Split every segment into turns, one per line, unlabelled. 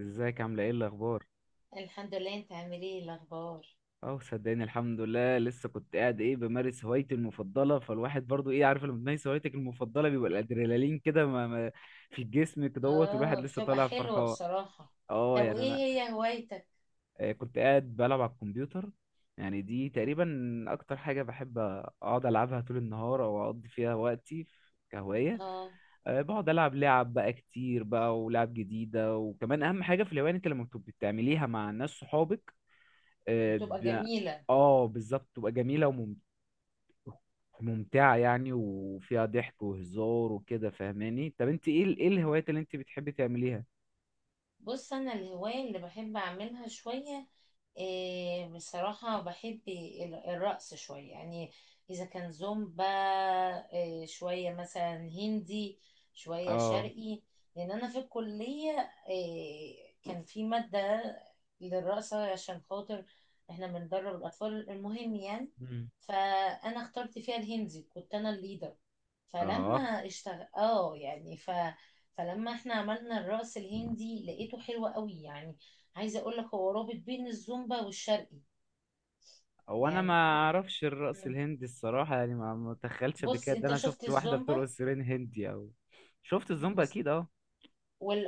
ازيك؟ عامله ايه؟ الاخبار؟
الحمد لله، انت عامل ايه؟ إيه الاخبار؟
اه صدقني الحمد لله، لسه كنت قاعد بمارس هوايتي المفضله، فالواحد برضو عارف لما تمارس هوايتك المفضله بيبقى الادرينالين كده ما ما في الجسم كدهوت، والواحد
اه،
لسه
بتبقى
طالع
حلوة
فرحان.
بصراحة.
اه
طب
يعني
وايه
انا
هي هوايتك؟
كنت قاعد بلعب على الكمبيوتر، يعني دي تقريبا اكتر حاجه بحب اقعد العبها طول النهار او اقضي فيها وقتي كهوايه.
اه،
أه، بقعد العب لعب بقى كتير بقى، ولعب جديده. وكمان اهم حاجه في الهوايه إن انت لما بتبقي بتعمليها مع ناس صحابك. اه
بتبقى
ده-
جميلة.
بالظبط تبقى جميله، وممتعه يعني، وفيها ضحك وهزار وكده، فاهماني؟ طب انت ايه ايه الهوايات اللي انت بتحبي تعمليها؟
بص، انا الهواية اللي بحب اعملها شوية إيه، بصراحة بحب الرقص شوية يعني. إذا كان زومبا إيه، شوية مثلا هندي، شوية
اه.
شرقي. لأن أنا في الكلية إيه، كان في مادة للرقصة عشان خاطر إحنا بندرب الأطفال، المهم يعني.
مم.
فأنا اخترت فيها الهندي، كنت أنا الليدر.
اه.
فلما اشتغل يعني فلما احنا عملنا الرقص الهندي، لقيته حلو قوي يعني. عايزه اقول لك، هو رابط بين الزومبا والشرقي
هو انا ما
يعني.
اعرفش الرقص
مم.
الهندي الصراحه، يعني ما اتخيلتش قبل
بص
كده. ده
انت
انا
شفت
شفت واحده
الزومبا
بترقص سيرين هندي او... شفت الزومبا،
بس،
اكيد اه.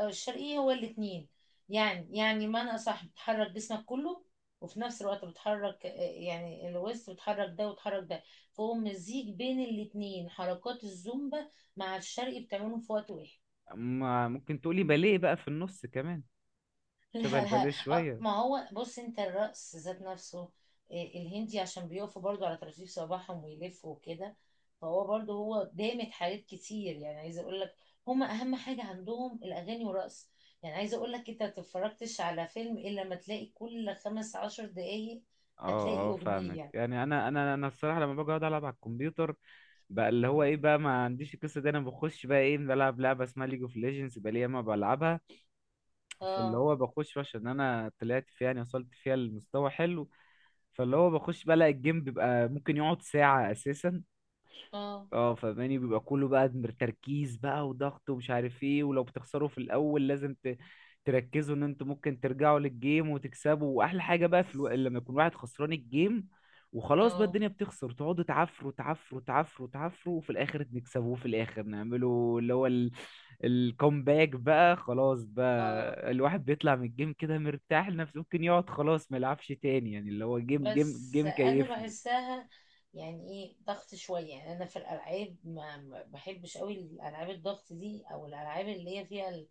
والشرقي هو الاتنين يعني، يعني معنى صح، بتحرك جسمك كله وفي نفس الوقت بتحرك، يعني الوسط بتحرك ده وتحرك ده. فهو مزيج بين الاتنين، حركات الزومبا مع الشرقي بتعملهم في وقت واحد.
ممكن تقولي باليه بقى في النص كمان؟
لا
شبه
لا،
الباليه
اه،
شويه.
ما هو بص، انت الرقص ذات نفسه إيه، الهندي عشان بيقفوا برضو على طراطيف صباعهم ويلفوا وكده. فهو برضو هو دامت حاجات كتير يعني، عايزه اقول لك هما اهم حاجه عندهم الاغاني والرقص. يعني عايزه اقول لك، انت ما تتفرجتش على فيلم الا لما تلاقي كل خمس عشر دقايق هتلاقي
اه اه فاهمك.
اغنيه.
يعني انا انا الصراحه لما باجي اقعد العب على الكمبيوتر بقى، اللي هو
مم.
ايه بقى، ما عنديش القصه دي. انا بخش بقى بلعب لعبه اسمها ليج اوف ليجندز بقى، لي ياما بلعبها. فاللي
اه،
هو بخش عشان انا طلعت فيها، يعني وصلت فيها لمستوى حلو. فاللي هو بخش بقى الاقي الجيم بيبقى ممكن يقعد ساعه اساسا.
اه،
اه فاهماني؟ بيبقى كله بقى تركيز بقى وضغط، ومش عارف ايه. ولو بتخسروا في الاول لازم تركزوا ان انتوا ممكن ترجعوا للجيم وتكسبوا. واحلى حاجه بقى
بس،
لما يكون واحد خسران الجيم وخلاص بقى،
اه،
الدنيا بتخسر، تقعدوا تعفروا تعفروا تعفروا تعفروا، وفي الاخر نكسبوه، في الاخر نعملوا اللي هو الكومباك بقى. خلاص
اه،
بقى الواحد بيطلع من الجيم كده مرتاح لنفسه، ممكن يقعد خلاص ما يلعبش تاني، يعني اللي هو جيم جيم
بس
جيم
انا
كيفني.
بحسها، يعني ايه ضغط شويه يعني. انا في الالعاب ما بحبش قوي الالعاب الضغط دي، او الالعاب اللي هي فيها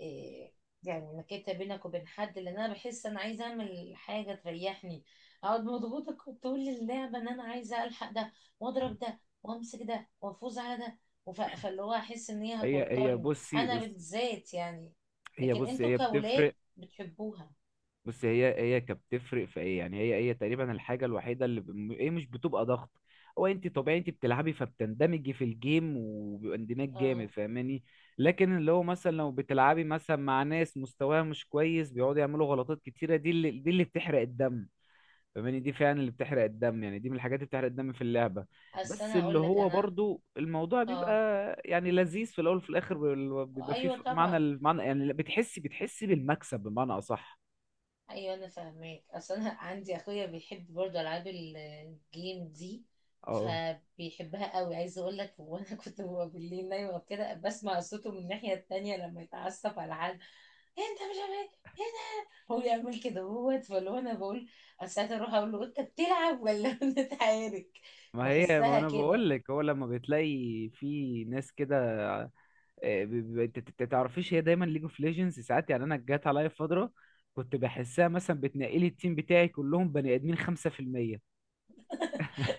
إيه، يعني نكته بينك وبين حد، لان انا بحس انا عايزه اعمل حاجه تريحني. اقعد مضغوطه طول اللعبه ان انا عايزه الحق ده، واضرب ده وامسك ده وافوز على ده. فاللي هو، احس ان هي
هي هي
هتوترني
بصي
انا
بصي
بالذات يعني.
هي
لكن
بصي
انتوا
هي
كولاد
بتفرق.
بتحبوها.
بص، هي كانت بتفرق في ايه، يعني هي تقريبا الحاجه الوحيده اللي هي مش بتبقى ضغط. هو انت طبيعي انت بتلعبي فبتندمجي في الجيم وبيبقى اندماج جامد،
اه،
فاهماني؟ لكن اللي هو مثلا لو بتلعبي مثلا مع ناس مستواها مش كويس، بيقعدوا يعملوا غلطات كتيره، دي اللي، دي اللي بتحرق الدم، فاهماني؟ دي فعلا اللي بتحرق الدم، يعني دي من الحاجات اللي بتحرق الدم في اللعبه.
اصل
بس
انا
اللي
اقول لك
هو
انا،
برضو الموضوع بيبقى
اه،
يعني لذيذ في الاول، وفي الاخر بيبقى فيه
ايوه
معنى،
طبعا.
المعنى يعني بتحسي بالمكسب بمعنى اصح.
ايوه انا فاهماك، اصل انا عندي اخويا بيحب برضه العاب الجيم دي،
اه،
فبيحبها قوي. عايزه اقول لك، وانا كنت ببقى بالليل نايمه وكده، بسمع صوته من الناحيه التانية لما يتعصب على حد: "إيه انت مش عارف ايه هنا، هو يعمل كده هو". فاللي هو انا بقول ساعات اروح اقول له: انت بتلعب ولا بنتعارك؟
ما هي ما
بحسها
انا
كده.
بقول لك، هو لما بتلاقي في ناس كده، آه، ب- تعرفيش، هي دايما ليج اوف ليجندز، ساعات يعني انا جات عليا فتره كنت بحسها مثلا بتنقلي التيم بتاعي كلهم بني ادمين 5%.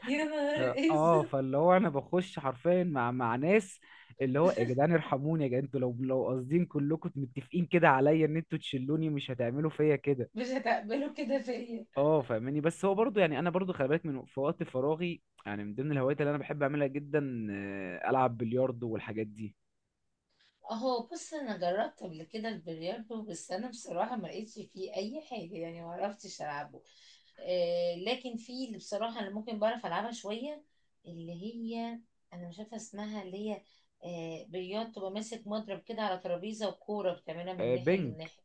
يا نهار
اه
اسود،
فاللي هو انا بخش حرفيا مع ناس، اللي هو يا جدعان ارحموني، يا جدعان انتوا لو قاصدين كلكم متفقين كده عليا ان انتوا تشلوني، مش هتعملوا فيا كده.
مش هتقبله كده فيا.
اه فاهماني؟ بس هو برضو يعني انا برضو خلي بالك، من في وقت فراغي يعني من ضمن الهوايات اللي انا بحب اعملها جدا، العب بلياردو والحاجات دي.
اهو، بص انا جربت قبل كده البلياردو، بس انا بصراحه ما لقيتش فيه اي حاجه يعني، ما عرفتش العبه. آه، لكن في اللي بصراحه انا ممكن بعرف العبها شويه، اللي هي، انا مش عارفه اسمها، اللي هي، آه، بلياردو، تبقى ماسك مضرب كده على ترابيزه وكوره بتعملها من ناحيه
بينج.
للناحيه.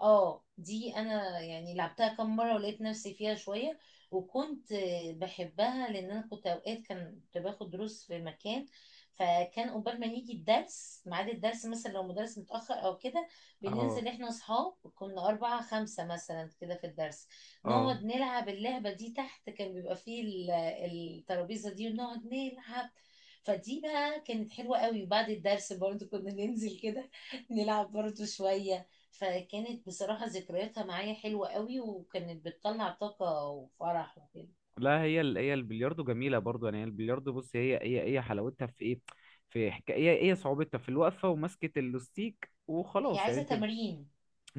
اه، دي انا يعني لعبتها كام مره ولقيت نفسي فيها شويه. وكنت بحبها لان انا كنت اوقات كنت باخد دروس في مكان. فكان قبل ما يجي الدرس ميعاد الدرس، مثلا لو مدرس متاخر او كده،
اه
بننزل احنا اصحاب، كنا اربعه خمسه مثلا كده في الدرس،
اه.
نقعد نلعب اللعبه دي تحت. كان بيبقى فيه الترابيزه دي ونقعد نلعب. فدي بقى كانت حلوة قوي، بعد الدرس برضو كنا ننزل كده نلعب برضو شوية. فكانت بصراحة ذكرياتها معايا حلوة قوي، وكانت بتطلع طاقة وفرح وكده.
لا، هي البلياردو جميله برضو، يعني هي البلياردو بص، هي حلاوتها في ايه، في حكايه هي صعوبتها في الوقفه ومسكه اللوستيك،
هي
وخلاص يعني
عايزة
انت...
تمرين،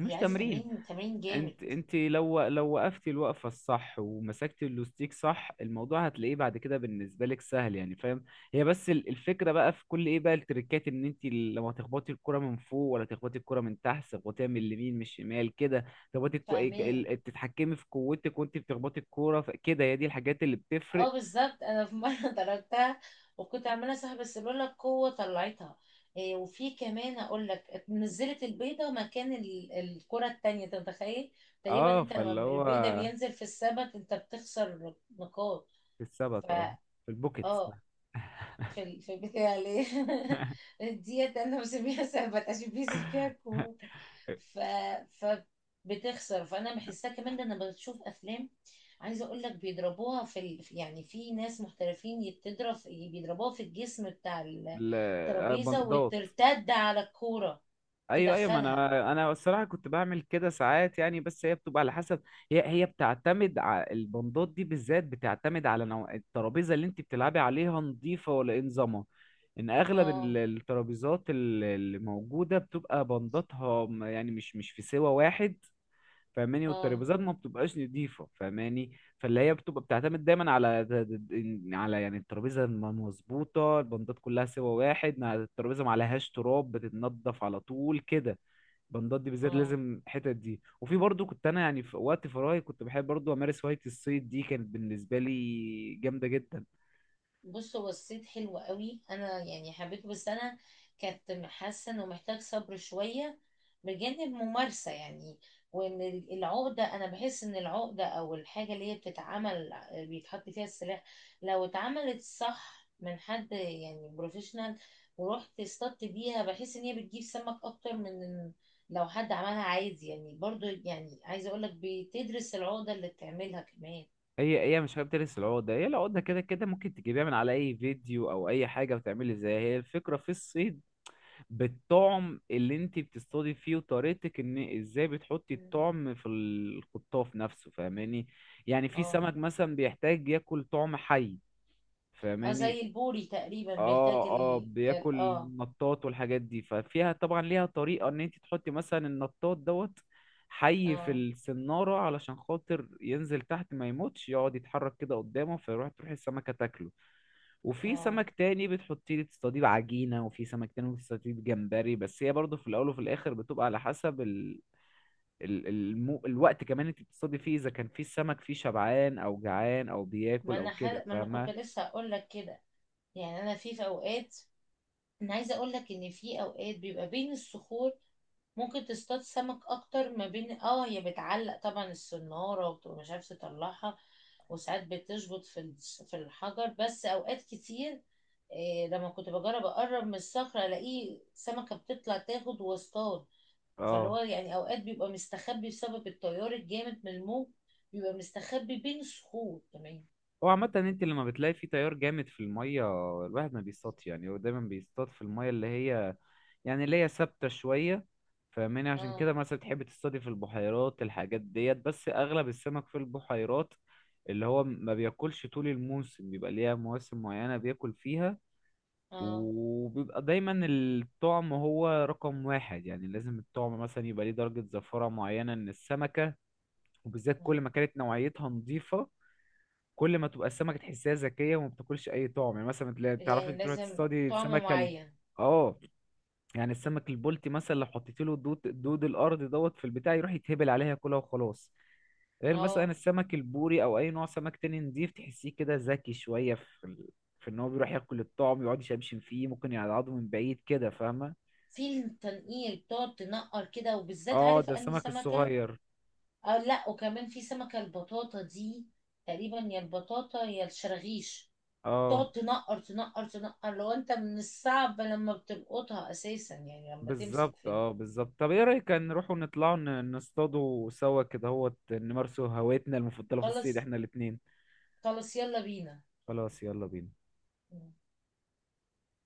هي عايزة
تمرين.
تمرين، تمرين جامد.
انت لو وقفتي الوقفه الصح ومسكتي اللوستيك صح، الموضوع هتلاقيه بعد كده بالنسبه لك سهل يعني، فاهم؟ هي بس الفكره بقى في كل ايه بقى، التريكات، ان انت لما تخبطي الكره من فوق، ولا تخبطي الكره من تحت، تخبطيها من اليمين، من الشمال كده، تخبطي
فاهماه.
تتحكمي في قوتك وانت بتخبطي الكوره. كده هي دي الحاجات اللي بتفرق.
اه بالظبط، انا في مرة ضربتها، وكنت عمالة صاحب، بس لولا القوة طلعتها. إيه، وفي كمان اقول لك، نزلت البيضة مكان الكرة التانية، انت متخيل؟ تقريبا
اه
انت لما
فاللي هو
البيضة بينزل في السبت انت بتخسر نقاط.
في السبت، اه،
فا
في البوكيتس.
اه، في في البيت العيلية ديت أنا بسميها سهبت عشان بينزل فيها الكورة. ف... فبتخسر، فأنا بحسها كمان. ده أنا بشوف أفلام، عايزة أقول لك بيضربوها يعني في ناس محترفين بتضرب بيضربوها في الجسم بتاع الترابيزة،
بندات.
وترتد على الكورة
ايوه ايوه، ما
تدخلها.
انا انا الصراحه كنت بعمل كده ساعات يعني، بس هي بتبقى على حسب. هي بتعتمد على البندات دي بالذات، بتعتمد على نوع الترابيزه اللي انت بتلعبي عليها، نظيفه ولا ايه نظامها. ان اغلب
اه.
الترابيزات اللي موجوده بتبقى بنداتها يعني مش في سوى واحد، فاهماني؟
اه.
والترابيزات ما بتبقاش نضيفة، فاهماني؟ فاللي هي بتبقى بتعتمد دايما على د- على يعني الترابيزة ما مظبوطة البندات كلها سوا واحد، الترابيزة ما عليهاش تراب، بتتنضف على طول كده البندات دي بالذات
اه،
لازم، الحتت دي. وفي برضو كنت انا يعني في وقت فراغي كنت بحب برضو امارس هواية الصيد، دي كانت بالنسبة لي جامدة جدا.
بص هو الصيد حلو قوي، انا يعني حبيته، بس انا كنت حاسه انه محتاج صبر شويه بجانب ممارسه يعني. وان العقده، انا بحس ان العقده او الحاجه اللي هي بتتعمل بيتحط فيها السلاح، لو اتعملت صح من حد يعني بروفيشنال، ورحت اصطدت بيها، بحس ان هي بتجيب سمك اكتر من لو حد عملها عادي يعني. برضو يعني عايزه اقول لك، بتدرس العقده اللي بتعملها كمان.
هي مش حابب تلبس العقدة، هي العقدة كده كده ممكن تجيبيها من على اي فيديو او اي حاجة وتعملي زيها. هي الفكرة في الصيد بالطعم اللي انت بتصطادي فيه، وطريقتك ان ازاي بتحطي
مم.
الطعم في الخطاف نفسه، فاهماني؟ يعني في
اه،
سمك مثلا بيحتاج ياكل طعم حي،
اه، زي
فاهماني؟
البوري تقريبا، بيحتاج
اه، اه، بياكل
اه.
النطاط والحاجات دي، ففيها طبعا ليها طريقة، ان انت تحطي مثلا النطاط دوت حي في
اه،
السنارة علشان خاطر ينزل تحت ما يموتش، يقعد يتحرك كده قدامه فيروح تروح السمكة تاكله. وفي
اه،
سمك تاني بتحطيه تصطاديه بعجينة، وفي سمك تاني بتصطاديه بجمبري. بس هي برضه في الأول وفي الآخر بتبقى على حسب الوقت كمان انت بتصطادي فيه، إذا كان في السمك فيه شبعان أو جعان أو بياكل أو كده،
ما انا كنت
فاهمة؟
لسه هقول لك كده، يعني انا في اوقات، انا عايزه اقول لك ان في اوقات بيبقى بين الصخور، ممكن تصطاد سمك اكتر ما بين، اه هي بتعلق طبعا السناره وبتبقى مش عارفه تطلعها، وساعات بتشبط في في الحجر، بس اوقات كتير إيه لما كنت بجرب اقرب من الصخره، الاقي سمكه بتطلع تاخد واصطاد. فاللي هو
اه.
يعني اوقات بيبقى مستخبي بسبب التيار الجامد من الموج، بيبقى مستخبي بين الصخور كمان.
هو عامة انت لما بتلاقي في تيار جامد في المية الواحد ما بيصطادش، يعني هو دايما بيصطاد في المية اللي هي يعني اللي هي ثابتة شوية، فاهماني؟ عشان
اه.
كده مثلا تحب تصطادي في البحيرات الحاجات ديت، بس اغلب السمك في البحيرات اللي هو ما بياكلش طول الموسم، بيبقى ليها مواسم معينة بياكل فيها.
اه.
وبيبقى دايما الطعم هو رقم واحد، يعني لازم الطعم مثلا يبقى ليه درجة زفرة معينة من السمكة، وبالذات
آه.
كل ما كانت نوعيتها نظيفة. كل ما تبقى السمكه تحسها ذكيه وما بتاكلش اي طعم، يعني مثلا تعرفي
يعني
تروحي
لازم
تصطادي
طعم
السمكه
معين.
اه، يعني السمك البلطي مثلا لو حطيت له دود، دود الارض دوت في البتاع، يروح يتهبل عليها ياكلها وخلاص. غير مثلا
اه،
السمك البوري او اي نوع سمك تاني نضيف، تحسيه كده ذكي شويه في ان هو بيروح ياكل الطعم يقعد يشمشم فيه، ممكن يقعده من بعيد كده، فاهمه؟
في التنقيل بتقعد تنقر كده، وبالذات
اه،
عارف
ده
اني
السمك
سمكة.
الصغير.
اه، لا، وكمان في سمكة البطاطا دي، تقريبا يا البطاطا يا الشراغيش،
اه
تقعد تنقر تنقر تنقر، لو انت من الصعب لما بتلقطها اساسا، يعني لما تمسك
بالظبط،
في.
اه بالظبط. طب ايه رأيك نروحوا نطلعوا نصطادوا سوا كده، هو نمارسوا هوايتنا المفضلة في الصيد
خلاص،
احنا الاتنين؟
خلاص يلا بينا.
خلاص يلا بينا.